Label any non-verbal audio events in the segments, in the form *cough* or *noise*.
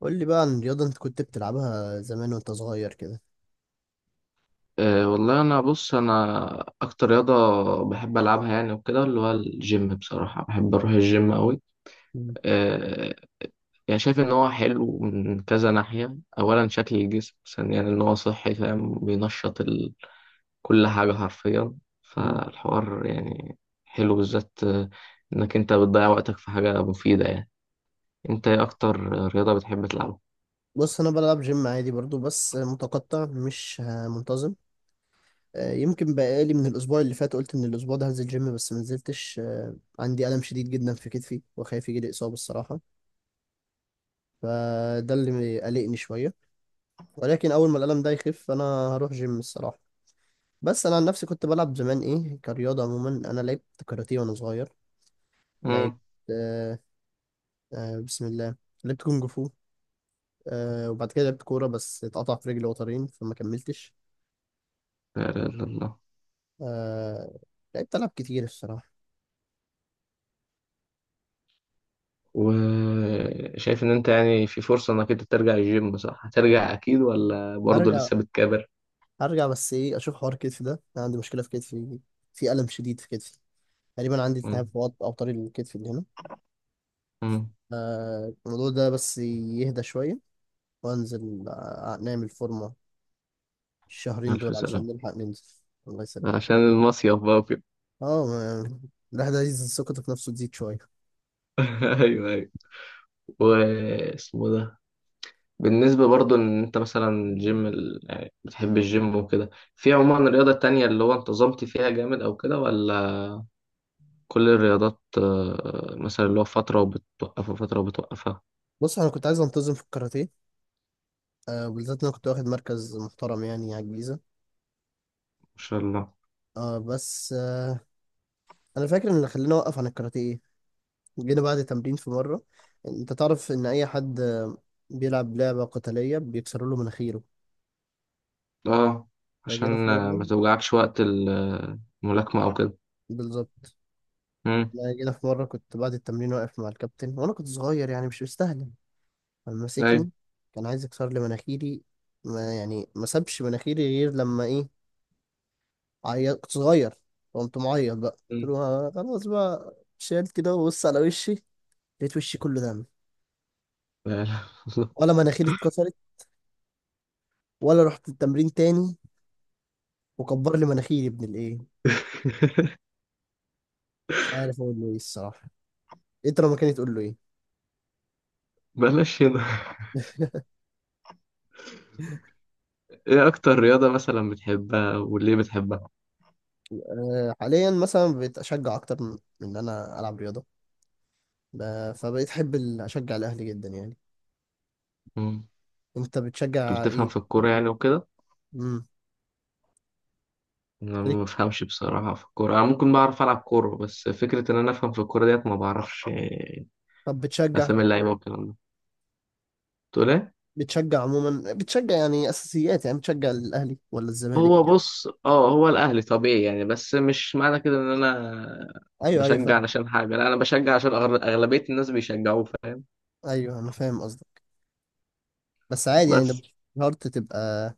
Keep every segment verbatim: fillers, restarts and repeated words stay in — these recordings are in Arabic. قول لي بقى عن الرياضة انت كنت بتلعبها زمان وانت صغير كده. أه والله، انا بص، انا اكتر رياضه بحب العبها يعني وكده اللي هو الجيم. بصراحه بحب اروح الجيم قوي. مم. أه، يعني شايف ان هو حلو من كذا ناحيه، اولا شكل الجسم، ثانيا ان هو صحي، فاهم، بينشط ال... كل حاجه حرفيا، مم. فالحوار يعني حلو بالذات، آه، انك انت بتضيع وقتك في حاجه مفيده يعني. انت ايه اكتر رياضه بتحب تلعبها؟ بص انا بلعب جيم عادي برضو بس متقطع مش آه، منتظم. آه، يمكن بقالي من الاسبوع اللي فات قلت ان الاسبوع ده هنزل جيم بس ما نزلتش، آه، عندي الم شديد جدا في كتفي وخايف يجي لي اصابة الصراحة. فده اللي قلقني شوية، ولكن اول ما الالم ده يخف انا هروح جيم الصراحة. بس انا عن نفسي كنت بلعب زمان ايه كرياضة. عموما انا لعبت كاراتيه وانا صغير، لعبت امم. آه، آه، بسم الله، لعبت كونج فو. آه وبعد كده لعبت كورة بس اتقطع في رجلي وترين فما كملتش. لا، لا، لا. آه لعبت ألعاب كتير الصراحة. وشايف إن أنت يعني في فرصة إنك أنت ترجع الجيم صح؟ هترجع أكيد ولا برضه هرجع، لسه بتكابر؟ هرجع بس إيه، أشوف حوار كتفي ده، أنا عندي مشكلة في كتفي، في ألم شديد في كتفي. تقريبا عندي التهاب مم. في وط- أوتار الكتف اللي هنا. مم. آه الموضوع ده بس يهدى شوية وأنزل، آه، نعمل فورمة الشهرين ألف دول علشان سلامة. نلحق ننزل. الله يسلمك. عشان المصيف بقى وكده. اه ما- *laughs* الواحد عايز ثقته في نفسه تزيد شوية. *laughs* أيوه، أيوه، واسمه ده. بالنسبة برضه إن أنت مثلا الجيم ال... يعني بتحب الجيم وكده، في عموما رياضة تانية اللي هو انتظمت فيها جامد أو كده ولا؟ كل الرياضات آه، مثلا اللي هو فترة وبتوقفها، فترة وبتوقفها؟ بص أنا كنت عايز أنتظم في الكاراتيه، آه بالذات إن أنا كنت واخد مركز محترم يعني على الجيزة. ما شاء الله. اه بس آه، انا فاكر ان اللي خلاني اوقف عن الكاراتيه إيه؟ جينا بعد تمرين في مره. انت تعرف ان اي حد آه، بيلعب لعبه قتاليه بيكسروا له مناخيره. اه، فجينا عشان في آه، مره، ما توجعكش وقت ال- الملاكمة أو كده. بالظبط، امم. انا جينا في مره كنت بعد التمرين واقف مع الكابتن وانا كنت صغير يعني مش مستاهله، ايوه. فمسكني، كان عايز يكسر لي مناخيري. ما يعني ما سابش مناخيري غير لما ايه، عيط، كنت صغير. قمت معيط بقى، قلت مم. له آه، خلاص بقى، شالت كده وبص على وشي، لقيت وشي كله دم، لا، لا. والله. ولا مناخيري اتكسرت ولا رحت التمرين تاني وكبر لي مناخيري ابن الايه. *laughs* مش عارف اقول له ايه الصراحه، انت لو مكاني تقول له ايه؟ بلاش هنا. ايه اكتر رياضة مثلا بتحبها وليه بتحبها؟ أه، حاليا مثلا بقيت اشجع اكتر من من ان انا العب رياضه. ب- فبقيت احب ال- اشجع الاهلي جدا يعني. مم. انت بتشجع بتفهم ايه؟ في الكورة يعني وكده؟ امم. انا خليك- ما بفهمش بصراحة في الكورة. انا ممكن بعرف العب كورة، بس فكرة ان انا افهم في الكورة ديت ما بعرفش. *laughs* إيه، طب بتشجع، اسامي اللعيبة والكلام ده، تقول ايه؟ بتشجع عموما، بتشجع يعني اساسيات، يعني بتشجع الاهلي ولا الزمالك هو كده؟ بص، اه هو الاهلي طبيعي يعني، بس مش معنى كده ان انا ايوه، ايوه بشجع فاهم، علشان حاجة، لا انا بشجع عشان أغل- اغلبية الناس بيشجعوه، فاهم. ايوه انا فاهم قصدك، بس عادي يعني ده بس، مش شرط تبقى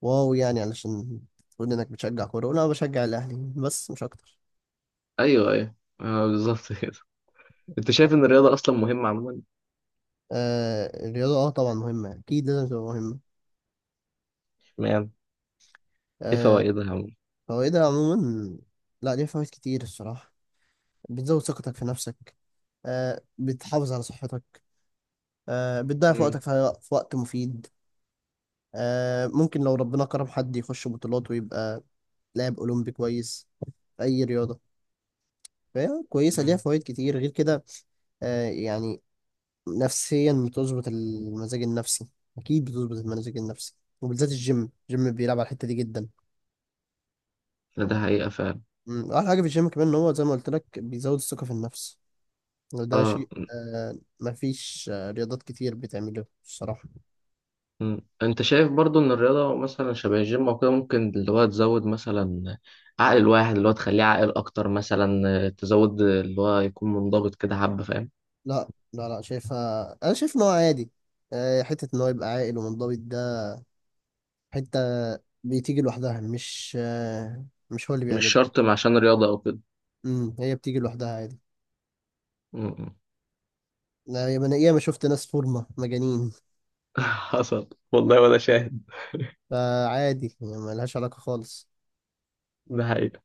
واو يعني علشان تقول انك بتشجع كوره. ولا انا بشجع الاهلي بس مش اكتر. ايوه، ايوه، آه، بالظبط كده. انت شايف ان الرياضه اصلا مهمه عموما؟ آه الرياضة اه طبعا مهمة، أكيد لازم تبقى مهمة. اشمعنى؟ ايه آه فوائدها عموما؟ فوائدها عموما، لا ليها فوائد كتير الصراحة. بتزود ثقتك في نفسك، آه بتحافظ على صحتك، آه بتضيع في وقتك امم. في في وقت مفيد. آه ممكن لو ربنا كرم حد يخش بطولات ويبقى لاعب أولمبي كويس في أي رياضة. فهي كويسة، ليها امم. فوائد كتير غير كده. آه يعني نفسيا بتظبط المزاج النفسي، أكيد بتظبط المزاج النفسي، وبالذات الجيم، الجيم بيلعب على الحتة دي جدا. ده حقيقه فعلا. مم، احلى حاجه في الجيم كمان ان هو زي ما قلت لك بيزود الثقه في النفس، وده اه. شيء آه مفيش آه رياضات كتير بتعمله الصراحه. امم. انت شايف برضو ان الرياضه مثلا شبه الجيم او كده ممكن اللي هو تزود مثلا عقل الواحد، اللي هو تخليه عاقل اكتر مثلا، آه، تزود اللي هو يكون منضبط كده حبه، فاهم؟ لا لا لا شايفها، انا شايف ان هو عادي. آه حته ان هو يبقى عاقل ومنضبط ده، حته بتيجي لوحدها، مش آه مش هو اللي مش بيعملها. شرط عشان رياضه او كده. امم، هي بتيجي لوحدها عادي. امم. لا، يا انا ياما شفت ناس فورمه مجانين، *laughs* حصل والله ولا شاهد؟ فعادي يعني ملهاش علاقه خالص. ده حقيقه.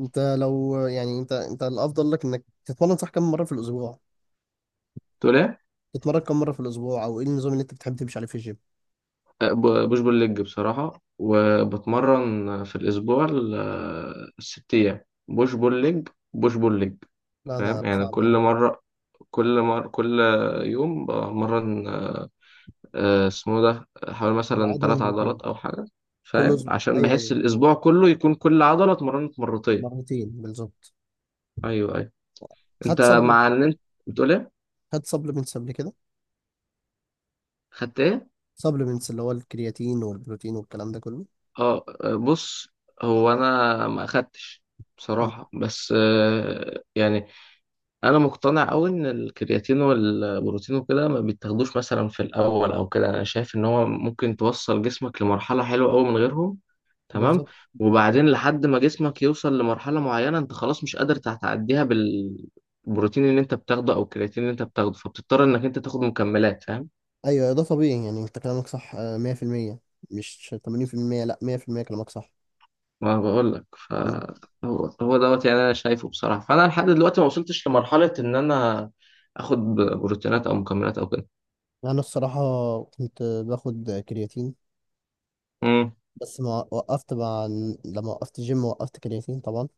انت لو يعني انت انت الافضل لك انك تتمرن صح، كم مره في الاسبوع تقول ايه؟ تتمرن، كم مرة في الأسبوع أو إيه النظام اللي أنت بتحب تمشي عليه في الجيم؟ أه، ب- بوش بول ليج بصراحة، وبتمرن في الأسبوع ال- الست أيام. بوش بول ليج، بوش بول ليج. لا، أنا فاهم يعني، صعب كل أوي. مرة، كل مرة، كل يوم بمرن آه، آه، اسمه ده حوالي مثلا العضلة تلات مرتين، عضلات أو حاجة. كل فاهم، أسبوع، عشان أيوه بحس أيوه، الأسبوع كله يكون كل عضلة اتمرنت مرتين. مرتين بالظبط. أيوه، أيوه. أنت، خدت سبلمنت مع إن كده، أنت بتقول إيه؟ خدت سبلمنتس قبل كده، خدت إيه؟ سبلمنتس اللي هو الكرياتين والبروتين والكلام ده كله. أه، آه، بص، هو أنا ما أخدتش مم. بصراحة، بس آه، يعني. انا مقتنع قوي ان الكرياتين والبروتين وكده ما بيتاخدوش مثلا في الاول او كده. انا شايف ان هو ممكن توصل جسمك لمرحله حلوه قوي من غيرهم. تمام. بالظبط. وبعدين لحد ما جسمك يوصل لمرحله معينه، انت خلاص مش قادر تعديها بالبروتين اللي انت بتاخده او الكرياتين اللي انت بتاخده، فبتضطر انك انت تاخد مكملات، فاهم. أيوه ده طبيعي يعني أنت كلامك صح، آه، مية في المية، مش تمانين في المية، لا مية في المية كلامك صح. ما بقول لك ف. مم. هو هو دوت يعني، انا شايفه بصراحه. فانا لحد دلوقتي ما وصلتش لمرحله ان انا اخد بروتينات او مكملات او أنا الصراحة كنت باخد كرياتين كده. بس ما وقفت مع، لما وقفت جيم وقفت كرياتين طبعا.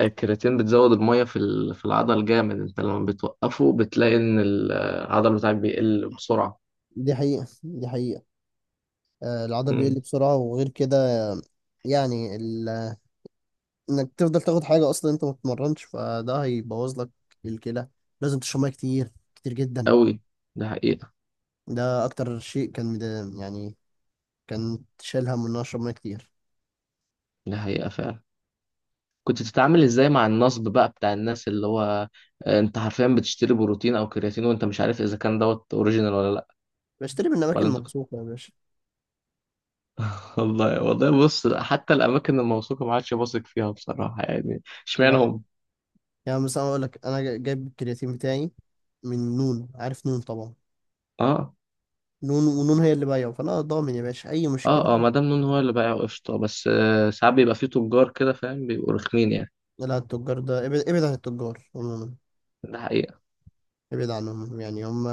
الكرياتين بتزود المية في ال- في العضل جامد. انت لما بتوقفه بتلاقي ان العضل بتاعك بيقل بسرعة. دي حقيقة، دي حقيقة، آه، العضل امم. بيقل بسرعة وغير كده. آه، يعني ال... انك تفضل تاخد حاجة اصلا انت ما بتتمرنش، فده هيبوظ لك الكلى. لازم تشرب ميه كتير كتير جدا. قوي. ده حقيقة. ده اكتر شيء كان مد- يعني كان شايل هم ان انا اشرب ميه كتير. ده حقيقة فعلا. كنت بتتعامل ازاي مع النصب بقى بتاع الناس، اللي هو آه، انت حرفيا بتشتري بروتين او كرياتين وانت مش عارف اذا كان دوت اوريجينال ولا لا؟ بشتري من اماكن ولا انت كنت؟ موثوقة يا باشا. *laughs* والله، والله، بص حتى الاماكن الموثوقة ما عادش بثق فيها بصراحة يعني. لا اشمعنى لا. هم؟ يعني مثلا اقول لك انا جا- جايب الكرياتين بتاعي من نون، عارف نون طبعا، اه، نون، ونون هي اللي بايعه فانا ضامن يا باشا اي اه، اه، مشكلة. مدام نون هو اللي بايع قشطة، بس آه، ساعات بيبقى فيه تجار كده، فاهم، بيبقوا رخمين يعني. لا، التجار ده ابعد، ابعد عن التجار عموما، ده حقيقة. ابعد عنهم. يعني هم،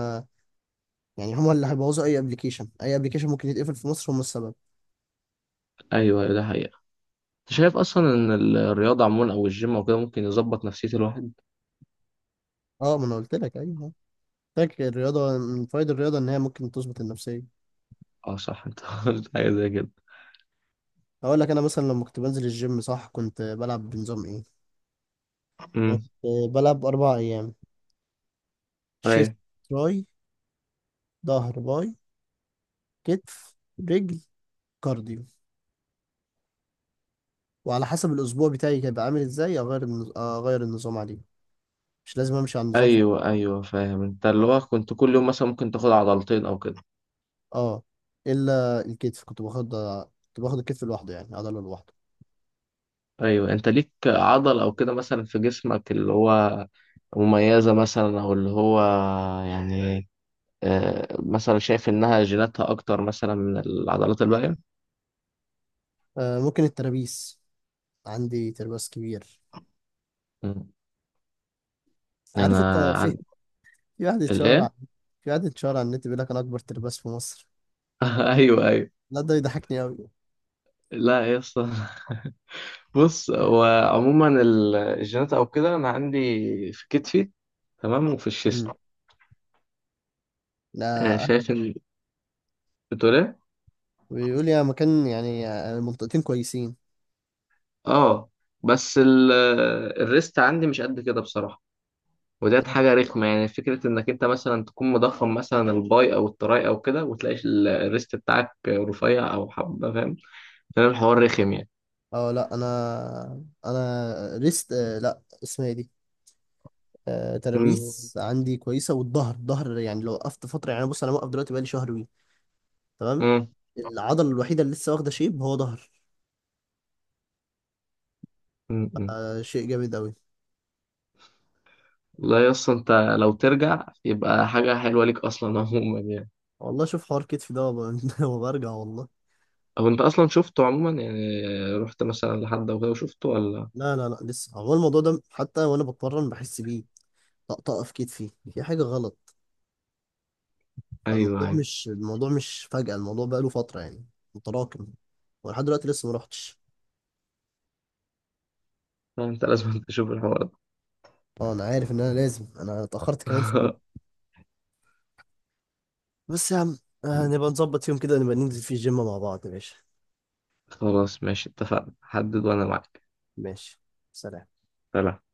يعني هما اللي هيبوظوا اي ابلكيشن اي ابلكيشن ممكن يتقفل في مصر هما السبب. ايوه، ايوه، ده حقيقة. انت شايف اصلا ان ال- الرياضة عموما او الجيم او كده ممكن يظبط نفسية الواحد؟ اه، ما انا قلت لك ايوه، فاكر الرياضه من فوائد الرياضه ان هي ممكن تظبط النفسيه. اه، صح، انت *laughs* قلت حاجة زي كده. هقول لك انا مثلا لما كنت بنزل الجيم صح كنت بلعب بنظام ايه. أنا امم. كنت بلعب اربع ايام: شيست، ايوه، تراي، ظهر، باي، كتف، رجل، كارديو. وعلى حسب الاسبوع بتاعي هيبقى عامل ازاي اغير النز... اغير النظام عليه، مش لازم امشي على النظام في... ايوه، ايوه، فاهم، انت اللي هو كنت كل يوم مثلا ممكن تاخد عضلتين او كده؟ اه، الا الكتف كنت باخد، كنت باخد الكتف لوحده يعني عضله لوحده. ايوه، انت ليك عضل او كده مثلا في جسمك اللي هو مميزة مثلا، او اللي هو يعني آه، مثلا شايف انها جيناتها اكتر مثلا من العضلات الباقية؟ آه ممكن الترابيس، عندي ترباس كبير. مم. انا عارف انت في، عن. في واحد اتشهر عن- الايه؟ في واحد اتشهر على النت بيقول لك انا اكبر ترباس في مصر. *laughs* ايوه، ايوه. لا ده يضحكني قوي. لا يا اسطى. *laughs* بص، هو عموما ال- الجينات او كده، انا عندي في كتفي تمام، وفي الشيست. امم. آه، لا، شايف ان. بتقول ايه؟ بيقول يا مكان يعني، المنطقتين كويسين. اه، بس ال- الريست عندي مش قد كده بصراحه. وديت حاجه رخمه يعني، فكره انك انت مثلا تكون مضخم مثلا الباي او التراي او كده، وتلاقي ال- الريست بتاعك رفيع او حبه، فاهم. فاهم الحوار رخم يعني. اه لا، انا انا ريست آه، لا اسمها ايه دي، آه، مم. ترابيس عندي كويسه، والظهر، الظهر يعني لو وقفت فتره، يعني بص انا موقف دلوقتي بقالي شهر وي، تمام. مم. العضله الوحيده اللي لسه واخده شيب هو ظهر، مم. مم. آه، شيء جامد قوي. لا يا اسطى، انت لو ترجع يبقى حاجه حلوه ليك اصلا عموما يعني. والله شوف حوار كتفي ده وب- *laughs* وبرجع والله. هو انت اصلا شفته عموما يعني؟ رحت مثلا لحد او كده وشفته ولا؟ لا لا لا لسه، هو الموضوع ده حتى وانا بتمرن بحس بيه، طقطقه في كتفي، في حاجه غلط. ايوه، فالموضوع ايوه. مش الموضوع مش فجأة، الموضوع بقى له فتره يعني، متراكم، ولحد دلوقتي لسه ما رحتش. لا، انت لازم *laughs* تشوف الحوار ده. اه انا عارف ان انا لازم، انا اتاخرت كمان في الجيم، *laughs* بس يا عم آه نبقى نظبط يوم كده نبقى ننزل فيه الجيم مع بعض، ماشي؟ خلاص، ماشي، اتفقنا، حدد وانا معاك. ماشي. سلام. سلام.